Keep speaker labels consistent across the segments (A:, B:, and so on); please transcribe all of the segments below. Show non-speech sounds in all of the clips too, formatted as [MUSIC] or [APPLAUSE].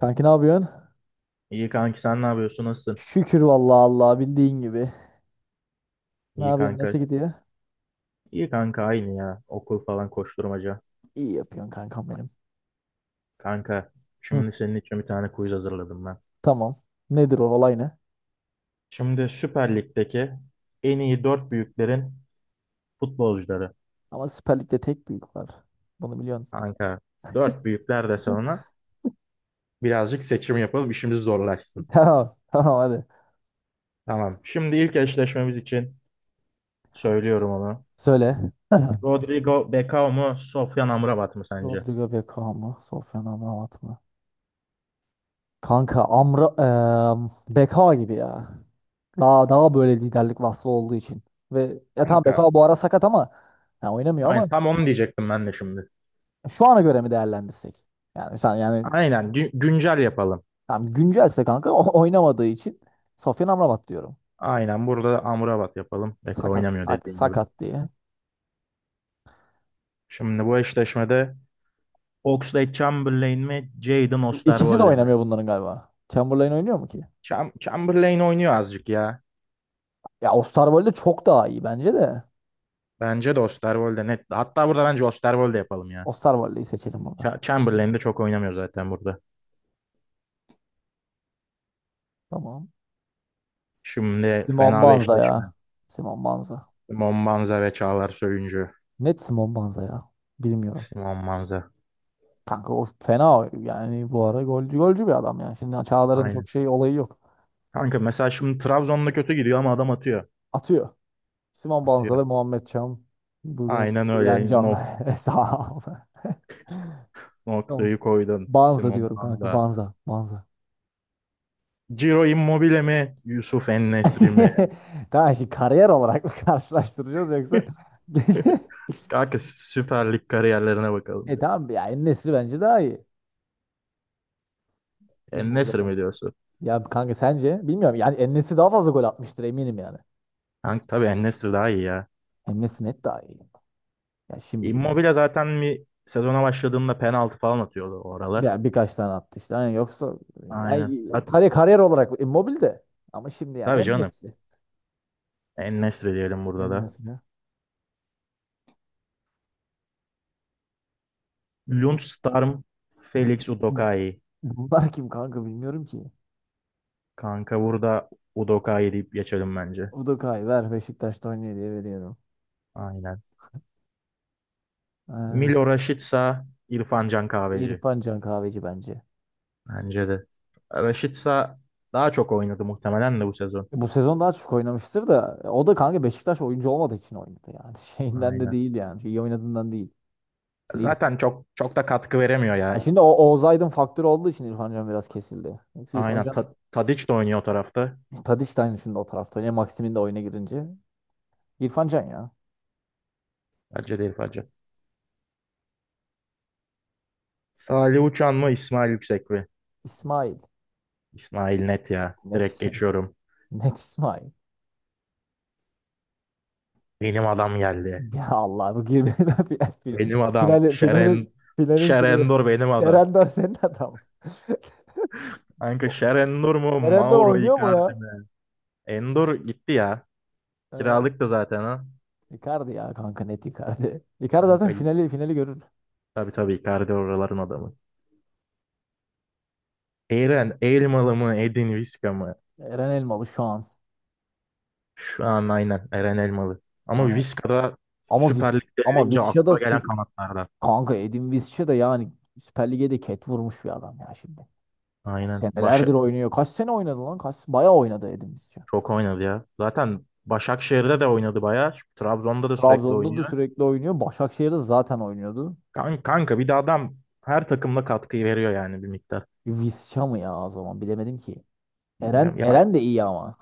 A: Kanki ne yapıyorsun?
B: İyi kanki, sen ne yapıyorsun? Nasılsın?
A: Şükür vallahi Allah bildiğin gibi. Ne
B: İyi
A: yapıyorsun?
B: kanka.
A: Nasıl gidiyor?
B: İyi kanka, aynı ya. Okul falan, koşturmaca.
A: İyi yapıyorsun kankam benim.
B: Kanka,
A: Hı,
B: şimdi senin için bir tane quiz hazırladım ben.
A: tamam. Nedir o olay ne?
B: Şimdi Süper Lig'deki en iyi dört büyüklerin futbolcuları.
A: Ama Süper Lig'de tek büyük var. Bunu biliyorsun.
B: Kanka, dört büyükler de sonra birazcık seçim yapalım, işimiz
A: [LAUGHS]
B: zorlaşsın.
A: Tamam. Tamam hadi.
B: Tamam. Şimdi ilk eşleşmemiz için söylüyorum onu.
A: Söyle. [LAUGHS]
B: Rodrigo Becao mu? Sofyan Amrabat mı sence?
A: Rodrigo Beckham mı? Sofyan Amrabat mı? Kanka Amra Beka gibi ya. Daha böyle liderlik vasfı olduğu için. Ve ya tamam
B: Kanka.
A: Beka bu ara sakat ama ya oynamıyor ama
B: Aynen, tam onu diyecektim ben de şimdi.
A: şu ana göre mi değerlendirsek? Yani sen yani
B: Aynen, güncel yapalım.
A: tamam, güncelse kanka oynamadığı için Sofyan Amrabat diyorum.
B: Aynen, burada da Amrabat yapalım. Beko oynamıyor, dediğin gibi.
A: Sakat diye.
B: Şimdi bu eşleşmede Oxlade-Chamberlain mi, Jaden
A: İkisi de
B: Osterwolde mi?
A: oynamıyor bunların galiba. Chamberlain oynuyor mu ki?
B: Chamberlain oynuyor azıcık ya.
A: Ya Osterwolde çok daha iyi bence de.
B: Bence de Osterwolde net. Hatta burada bence Osterwolde yapalım ya.
A: Osterwolde'yi seçelim burada.
B: Chamberlain de çok oynamıyor zaten burada.
A: Tamam.
B: Şimdi
A: Simon
B: fena bir
A: Banza ya.
B: eşleşme.
A: Simon Banza.
B: Simon Banza ve Çağlar Söyüncü.
A: Net Simon Banza ya. Bilmiyorum.
B: Simon Banza.
A: Kanka o fena yani bu ara golcü golcü bir adam ya. Şimdi Çağlar'ın çok
B: Aynen.
A: şey olayı yok.
B: Kanka, mesela şimdi Trabzon'da kötü gidiyor ama adam atıyor.
A: Atıyor. Simon Banza
B: Atıyor.
A: ve Muhammed Çam. Bugüne
B: Aynen
A: uyan
B: öyle.
A: can. [LAUGHS] Sağ ol. [LAUGHS] Tamam.
B: Noktayı koydun.
A: Banza
B: Simon
A: diyorum kanka.
B: Banza.
A: Banza. Banza.
B: Ciro Immobile mi? Yusuf En-Nesyri mi?
A: [LAUGHS] Tamam, şimdi kariyer olarak mı [LAUGHS] karşılaştıracağız yoksa? [LAUGHS]
B: [LAUGHS] Kanka, Süper Lig kariyerlerine bakalım
A: E
B: direkt.
A: tamam ya, En-Nesyri bence daha iyi.
B: En-Nesyri mi
A: Immobile'den.
B: diyorsun?
A: Ya kanka sence? Bilmiyorum. Yani En-Nesyri daha fazla gol atmıştır eminim yani.
B: Kanka, tabii En-Nesyri daha iyi ya.
A: Enes net daha iyi. Ya şimdilik.
B: Immobile zaten bir sezona başladığında penaltı falan atıyordu o aralar.
A: Ya birkaç tane attı işte. Yani yoksa
B: Aynen.
A: yani kariyer, olarak Immobile de. Ama şimdi yani
B: Tabii canım.
A: En-Nesyri.
B: En-Nesyri diyelim burada da.
A: Enes'ine. Bu-
B: Lundstarm,
A: bu-
B: Felix
A: bu-
B: Udokai.
A: Bunlar kim kanka, bilmiyorum ki.
B: Kanka, burada Udokai deyip geçelim bence.
A: Udokay ver, Beşiktaş'ta oynuyor diye veriyorum.
B: Aynen.
A: Ha,
B: Milo Rashica, İrfan Can Kahveci.
A: İrfan Can Kahveci bence.
B: Bence de. Raşit daha çok oynadı muhtemelen de bu sezon.
A: Bu sezon daha çok oynamıştır da o da kanka Beşiktaş oyuncu olmadığı için oynadı yani. [LAUGHS] Şeyinden de
B: Aynen.
A: değil yani. Şey, İyi oynadığından değil. Şimdi, İrf-
B: Zaten çok çok da katkı veremiyor ya.
A: Ya şimdi o Oğuz Aydın faktörü olduğu için İrfan Can biraz kesildi. Yoksa İrfan
B: Aynen.
A: Can
B: Tadiç de oynuyor o tarafta.
A: Tadiç de aynı şimdi o tarafta oynuyor. Maxim'in de oyuna girince. İrfan Can ya.
B: Bence değil, bence. Salih Uçan mı, İsmail Yüksek mi?
A: İsmail.
B: İsmail net ya.
A: Net,
B: Direkt
A: İsmail.
B: geçiyorum.
A: [LAUGHS] Net İsmail.
B: Benim adam geldi.
A: Ya Allah, bu girmeyen [LAUGHS] final, final,
B: Benim adam.
A: finalin şeyi.
B: Şerendur benim adam.
A: Kerendor senin adam. [LAUGHS]
B: Kanka,
A: O-
B: Şerendur mu?
A: Kerendor
B: Mauro
A: oynuyor mu
B: Icardi
A: ya?
B: mi? Endur gitti ya.
A: Ee,
B: Kiralık da zaten, ha.
A: Icardi ya kanka, net Icardi. [LAUGHS] Icardi zaten
B: Kanka,
A: finali görür.
B: tabii tabii, Icardi oraların adamı. Eren Elmalı mı, Edin Viska mı?
A: Eren Elmalı şu an.
B: Şu an aynen Eren Elmalı.
A: Şu
B: Ama
A: an evet.
B: Viska da Süper Lig'de
A: Ama
B: gelince
A: Visca
B: akla gelen kanatlarda.
A: kanka, Edin Visca da yani Süper Lig'e de ket vurmuş bir adam ya şimdi.
B: Aynen.
A: Senelerdir oynuyor. Kaç sene oynadı lan? Kaç, bayağı oynadı Edin Visca.
B: Çok oynadı ya. Zaten Başakşehir'de de oynadı bayağı. Trabzon'da da sürekli
A: Trabzon'da da
B: oynuyor.
A: sürekli oynuyor. Başakşehir'de zaten oynuyordu.
B: Kanka, bir de adam her takımda katkıyı veriyor yani, bir miktar.
A: Visca mı ya o zaman, bilemedim ki.
B: Bilmiyorum. Ya
A: Eren de iyi ama.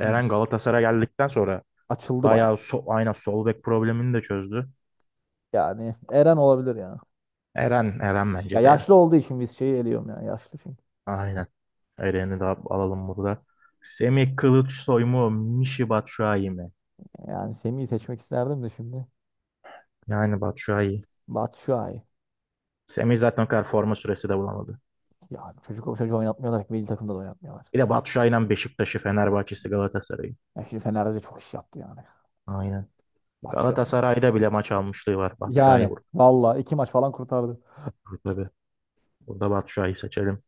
B: Eren Galatasaray'a geldikten sonra
A: Açıldı bayağı.
B: bayağı aynen sol bek problemini de çözdü.
A: Yani Eren olabilir ya.
B: Eren
A: Ya
B: bence de ya.
A: yaşlı olduğu için Visca'yı eliyorum ya. Yaşlı çünkü.
B: Aynen. Eren'i de alalım burada. Semih Kılıçsoy mu? Mişi Batshuayi mi?
A: Yani Semih'i seçmek isterdim de şimdi.
B: Yani Batshuayi.
A: Batshuayi.
B: Semih zaten o kadar forma süresi de bulamadı.
A: Ya çocuk, o çocuğu oynatmıyorlar. Milli takımda da oynatmıyorlar.
B: Bir de Batshuayi'nin Beşiktaş'ı, Fenerbahçe'si, Galatasaray'ı.
A: Ya şimdi Fener'de de çok iş yaptı yani.
B: Aynen.
A: Batshuayi.
B: Galatasaray'da bile maç almışlığı var. Batshuayi
A: Yani
B: burada.
A: valla iki maç falan kurtardı.
B: Tabii. Burada Batshuayi seçelim.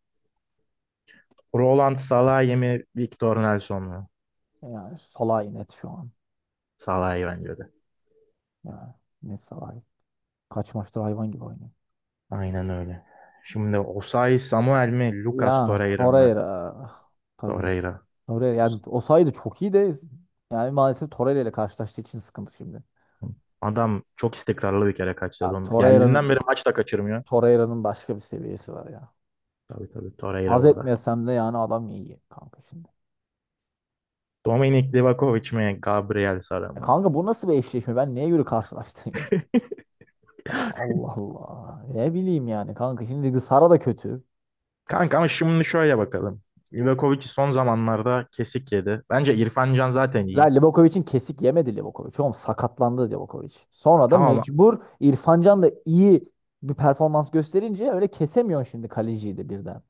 B: Roland Salahi mı? Victor Nelson mu?
A: Yani Salah'ı net şu an.
B: Salahi bence de.
A: Yani net Salah'ı. Kaç maçtır hayvan gibi oynuyor.
B: Aynen öyle. Şimdi Osayi Samuel mi? Lucas
A: Ya
B: Torreira mı?
A: Torreira. Tabii.
B: Torreira.
A: Torreira yani o sayıda çok iyi de yani maalesef Torreira ile karşılaştığı için sıkıntı şimdi.
B: Adam çok istikrarlı bir kere kaç
A: Ya
B: sezondur. Geldiğinden
A: Torreira'nın
B: beri maç da kaçırmıyor.
A: Torreira'nın başka bir seviyesi var ya.
B: Tabii tabii, Torreira
A: Haz
B: burada.
A: etmesem de yani adam iyi kanka şimdi.
B: Dominik Livakovic mi, Gabriel Sara
A: Ya
B: mı?
A: kanka, bu nasıl bir eşleşme? Ben neye göre karşılaştırayım? [LAUGHS] Ya Allah Allah. Ne bileyim yani kanka. Şimdi Sara da kötü.
B: Kanka, ama şimdi şöyle bakalım. Livakovic son zamanlarda kesik yedi. Bence İrfan Can zaten iyi.
A: Livakovic'in kesik yemedi Livakovic. Oğlum, sakatlandı Livakovic. Sonra da
B: Tamam,
A: mecbur İrfan Can da iyi bir performans gösterince öyle kesemiyorsun şimdi kaleciyi de birden.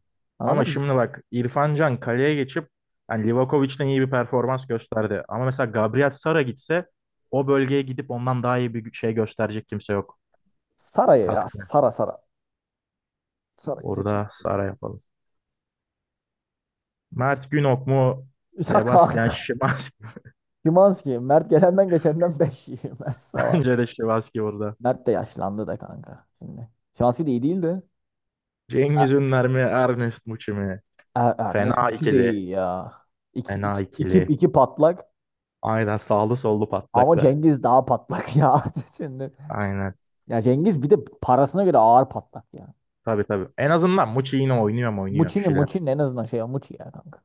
B: ama
A: Anladın mı?
B: şimdi bak, İrfan Can kaleye geçip yani Livakovic'den iyi bir performans gösterdi. Ama mesela Gabriel Sara gitse o bölgeye gidip ondan daha iyi bir şey gösterecek kimse yok.
A: Sara'ya ya.
B: Hatta
A: Sara. Sara'yı seçelim.
B: orada Sara yapalım. Mert Günok mu?
A: [LAUGHS] Ya
B: Sebastian
A: kanka.
B: Szymanski.
A: Szymański. Mert gelenden geçenden 5 yiyor. [LAUGHS] Mert
B: [LAUGHS]
A: Sava.
B: Bence de Szymanski burada.
A: Mert de yaşlandı da kanka. Şimdi. Szymański de iyi değildi.
B: Cengiz Ünler mi? Ernest Muçi mi?
A: Ernest
B: Fena
A: Muçi de
B: ikili.
A: iyi ya.
B: Fena ikili.
A: İki patlak
B: Aynen, sağlı sollu
A: ama
B: patlaklar.
A: Cengiz daha patlak [LAUGHS] ya. Şimdi.
B: Aynen.
A: Ya Cengiz bir de parasına göre ağır patlak ya.
B: Tabii tabii. En azından Muçi yine oynuyor mu, oynuyor bir şeyler.
A: Muçi'nin en azından şey, Muçi ya kanka.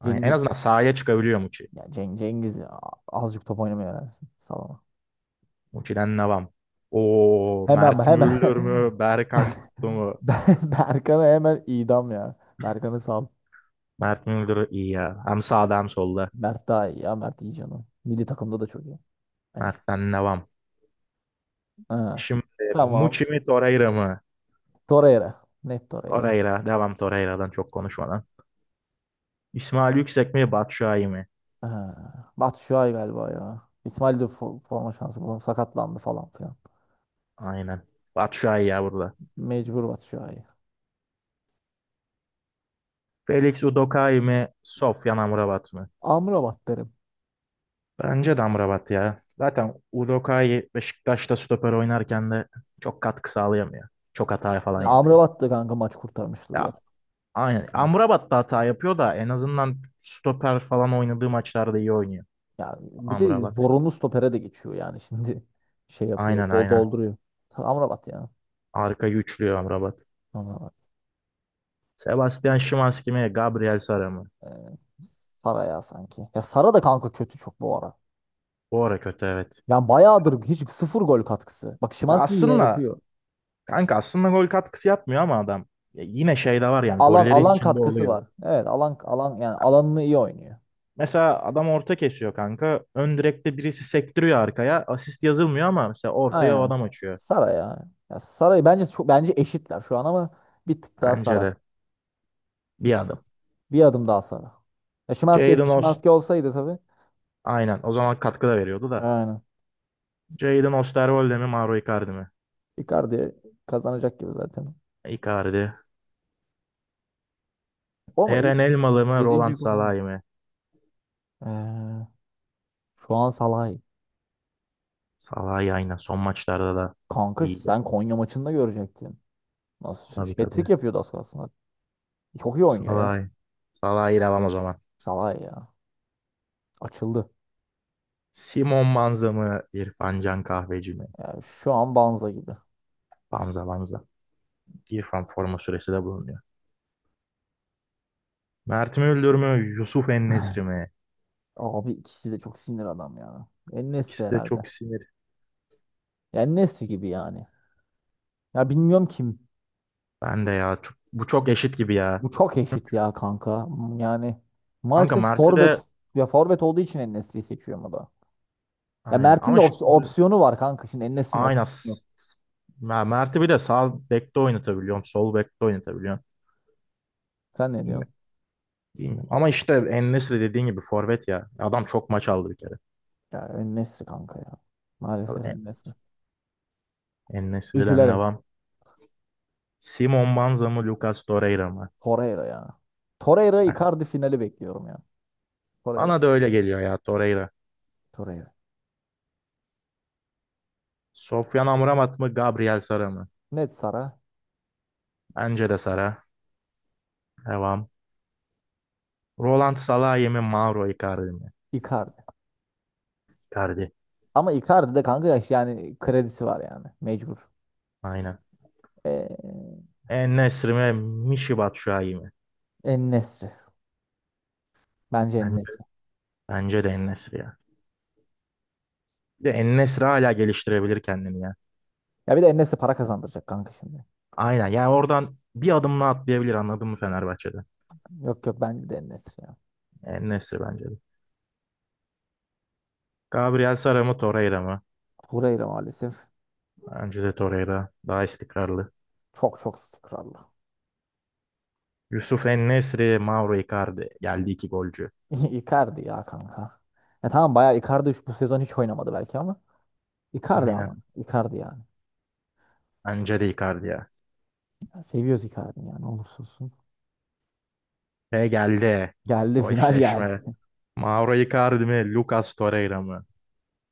B: Aynen. En
A: Cengiz
B: azından sahaya çıkabiliyor Muçi.
A: ya, Cengiz ya, azıcık top oynamayı öğrensin. Salama.
B: Muçi'den devam. O
A: Hemen
B: Mert
A: hemen.
B: Müldür mü? Berkan Kutlu
A: [LAUGHS]
B: mu?
A: Berkan'ı hemen idam ya. Berkan'ı sal.
B: Mert Müldür iyi ya. Hem sağda hem solda.
A: Mert daha iyi ya. Mert iyi canım. Milli takımda da çok iyi. Bence.
B: Mert'ten devam.
A: Ha.
B: Şimdi Muçi
A: Tamam.
B: mi, Torreira mı?
A: Torreira. Net Torreira.
B: Torreira. Devam Torreira'dan, çok konuşmadan. İsmail Yüksek mi, Batshuayi mi?
A: Ha, Batshuayi galiba ya. İsmail de forma şansı bulamadı. Sakatlandı falan filan.
B: Aynen. Batshuayi ya burada.
A: Mecbur Batshuayi.
B: Felix Udokai mi, Sofyan Amrabat mı?
A: Amrabat derim.
B: Bence de Amrabat ya. Zaten Udokai Beşiktaş'ta stoper oynarken de çok katkı sağlayamıyor. Çok hata falan
A: Ya
B: yapıyor.
A: Amrabat da kanka maç kurtarmışlığı var.
B: Ya aynen.
A: Hı.
B: Amrabat da hata yapıyor da en azından stoper falan oynadığı maçlarda iyi oynuyor
A: Ya bir de
B: Amrabat.
A: zorunlu stopere de geçiyor yani [LAUGHS] şimdi şey yapıyor,
B: Aynen aynen.
A: dolduruyor. Amrabat ya.
B: Arka güçlüyor Amrabat.
A: Amrabat.
B: Sebastian Szymański mi, Gabriel Sara mı?
A: Ee, Sara ya sanki. Ya Sara da kanka kötü çok bu ara.
B: Bu ara kötü, evet.
A: Yani bayağıdır hiç sıfır gol katkısı. Bak
B: Ya
A: Szymański yine
B: aslında
A: yapıyor.
B: kanka, aslında gol katkısı yapmıyor ama adam ya yine şey de var,
A: Ya
B: yani gollerin
A: alan
B: içinde
A: katkısı
B: oluyor.
A: var. Evet, alan yani alanını iyi oynuyor.
B: Mesela adam orta kesiyor kanka. Ön direkte birisi sektiriyor arkaya. Asist yazılmıyor ama mesela ortaya o
A: Aynen.
B: adam açıyor.
A: Sara ya. Ya Sara'yı bence çok, bence eşitler şu an ama bir tık daha
B: Bence
A: Sara.
B: de
A: Bir
B: bir
A: tık,
B: adım.
A: bir adım daha Sara. Ya Szymański eski
B: Jadon Ost
A: Szymański olsaydı tabii.
B: Aynen, o zaman katkı da veriyordu da.
A: Aynen.
B: Jadon Osterwolde mi, Mauro Icardi mi?
A: Icardi kazanacak gibi zaten.
B: Icardi.
A: O mu?
B: Eren Elmalı mı, Roland
A: Yedinci kupa mı?
B: Salah'ı mı?
A: Ee, şu an Salah'ı.
B: Salah'ı, aynen son maçlarda da
A: Kanka
B: iyiydi.
A: sen Konya maçında görecektin. Nasıl
B: Tabii tabii.
A: hat-trick yapıyordu az kalsın. Çok iyi oynuyor ya.
B: Salah'ı. Salah'ı devam o zaman.
A: Salah ya. Açıldı.
B: Simon Banza mı, İrfan Can Kahveci mi?
A: Yani şu an Banza gibi.
B: Banza, Banza. İrfan forma süresi de bulunuyor. Mert mi Öldür mü, Yusuf En-Nesyri mi?
A: Abi ikisi de çok sinir adam ya. En-Nesyri
B: İkisi de
A: herhalde.
B: çok sinir.
A: Yani En-Nesyri gibi yani. Ya bilmiyorum kim.
B: Ben de ya. Bu çok eşit gibi ya.
A: Bu çok eşit
B: Çünkü
A: ya kanka. Hmm, yani
B: kanka
A: maalesef
B: Mert'i
A: forvet,
B: de
A: ya forvet olduğu için En-Nesyri'yi seçiyorum o da. Ya
B: aynen,
A: Mert'in de
B: ama şimdi
A: opsiyonu var kanka. Şimdi En-Nesyri'nin opsiyonu
B: aynen
A: yok.
B: Mert'i bir de sağ bekte oynatabiliyorum. Sol bekte oynatabiliyorum.
A: Sen ne
B: Bilmiyorum.
A: diyorsun?
B: Bilmiyorum. Ama işte En-Nesyri dediğin gibi forvet ya. Adam çok maç aldı bir kere.
A: Ya En-Nesyri kanka ya.
B: Tabii
A: Maalesef
B: En-
A: En-Nesyri.
B: En-Nesyri'den
A: Üzülerek.
B: devam. Simon Banza mı, Lucas Torreira mı?
A: Torreira ya. Torreira Icardi finali bekliyorum ya. Torreira.
B: Bana da öyle geliyor ya, Torreira.
A: Torreira.
B: Sofyan Amrabat mı, Gabriel Sara mı?
A: Net Sara.
B: Bence de Sara. Devam. Roland Salahi mi, Mauro Icardi mi?
A: Icardi.
B: Icardi.
A: Ama Icardi de kanka yaş yani kredisi var yani. Mecbur.
B: Aynen.
A: Ee,
B: En-Nesyri mi, Michy Batshuayi mi?
A: En-Nesyri. Bence
B: Bence,
A: En-Nesyri.
B: Bence de En-Nesyri ya. Bir de En-Nesyri hala geliştirebilir kendini ya.
A: Ya bir de En-Nesyri para kazandıracak kanka şimdi.
B: Aynen. Yani oradan bir adımla atlayabilir, anladın mı, Fenerbahçe'de?
A: Yok yok, bence de En-Nesyri ya.
B: En-Nesyri bence de. Gabriel Sara mı, Torreira mı?
A: Torreira maalesef
B: Bence de Torreira. Daha istikrarlı.
A: çok çok istikrarlı.
B: Yusuf En-Nesyri, Mauro Icardi. Geldi iki golcü.
A: [LAUGHS] Icardi ya kanka. Ya tamam, bayağı Icardi bu sezon hiç oynamadı belki ama Icardi,
B: Aynen.
A: ama Icardi yani.
B: Bence de Icardi ya.
A: Ya seviyoruz Icardi yani olursa olsun.
B: Ve geldi.
A: Geldi,
B: O
A: final geldi.
B: eşleşme. Mauro Icardi mi? Lucas Torreira mı?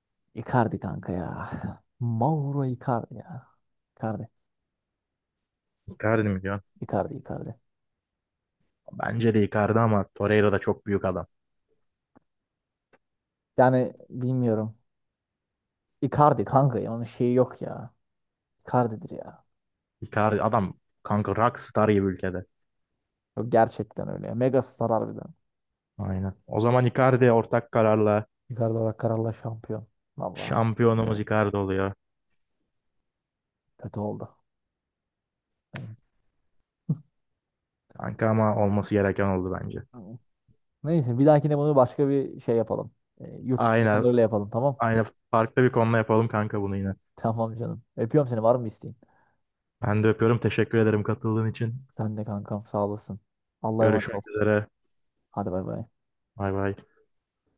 A: [LAUGHS] Icardi kanka ya. Mauro Icardi ya. Icardi.
B: Icardi mi diyorsun?
A: Icardi.
B: Bence de Icardi ama Torreira da çok büyük adam.
A: Yani bilmiyorum. Icardi kanka ya, onun şeyi yok ya. Icardi'dir ya.
B: Icardi adam kanka, rockstar gibi ülkede.
A: Yok, gerçekten öyle ya. Mega star harbiden.
B: Aynen. O zaman Icardi ortak kararla
A: Icardi olarak kararla şampiyon. Valla.
B: şampiyonumuz
A: Evet.
B: Icardi oluyor.
A: Kötü oldu.
B: Kanka, ama olması gereken oldu bence.
A: Tamam. Neyse bir dahakine bunu başka bir şey yapalım. E, yurt dışı
B: Aynen.
A: takımlarıyla yapalım tamam.
B: Aynen. Farklı bir konuda yapalım kanka bunu yine.
A: Tamam canım. Öpüyorum seni, var mı isteğin?
B: Ben de öpüyorum. Teşekkür ederim katıldığın için.
A: Sen de kankam sağ olasın. Allah'a emanet ol.
B: Görüşmek üzere.
A: Hadi bay bay.
B: Bay bay.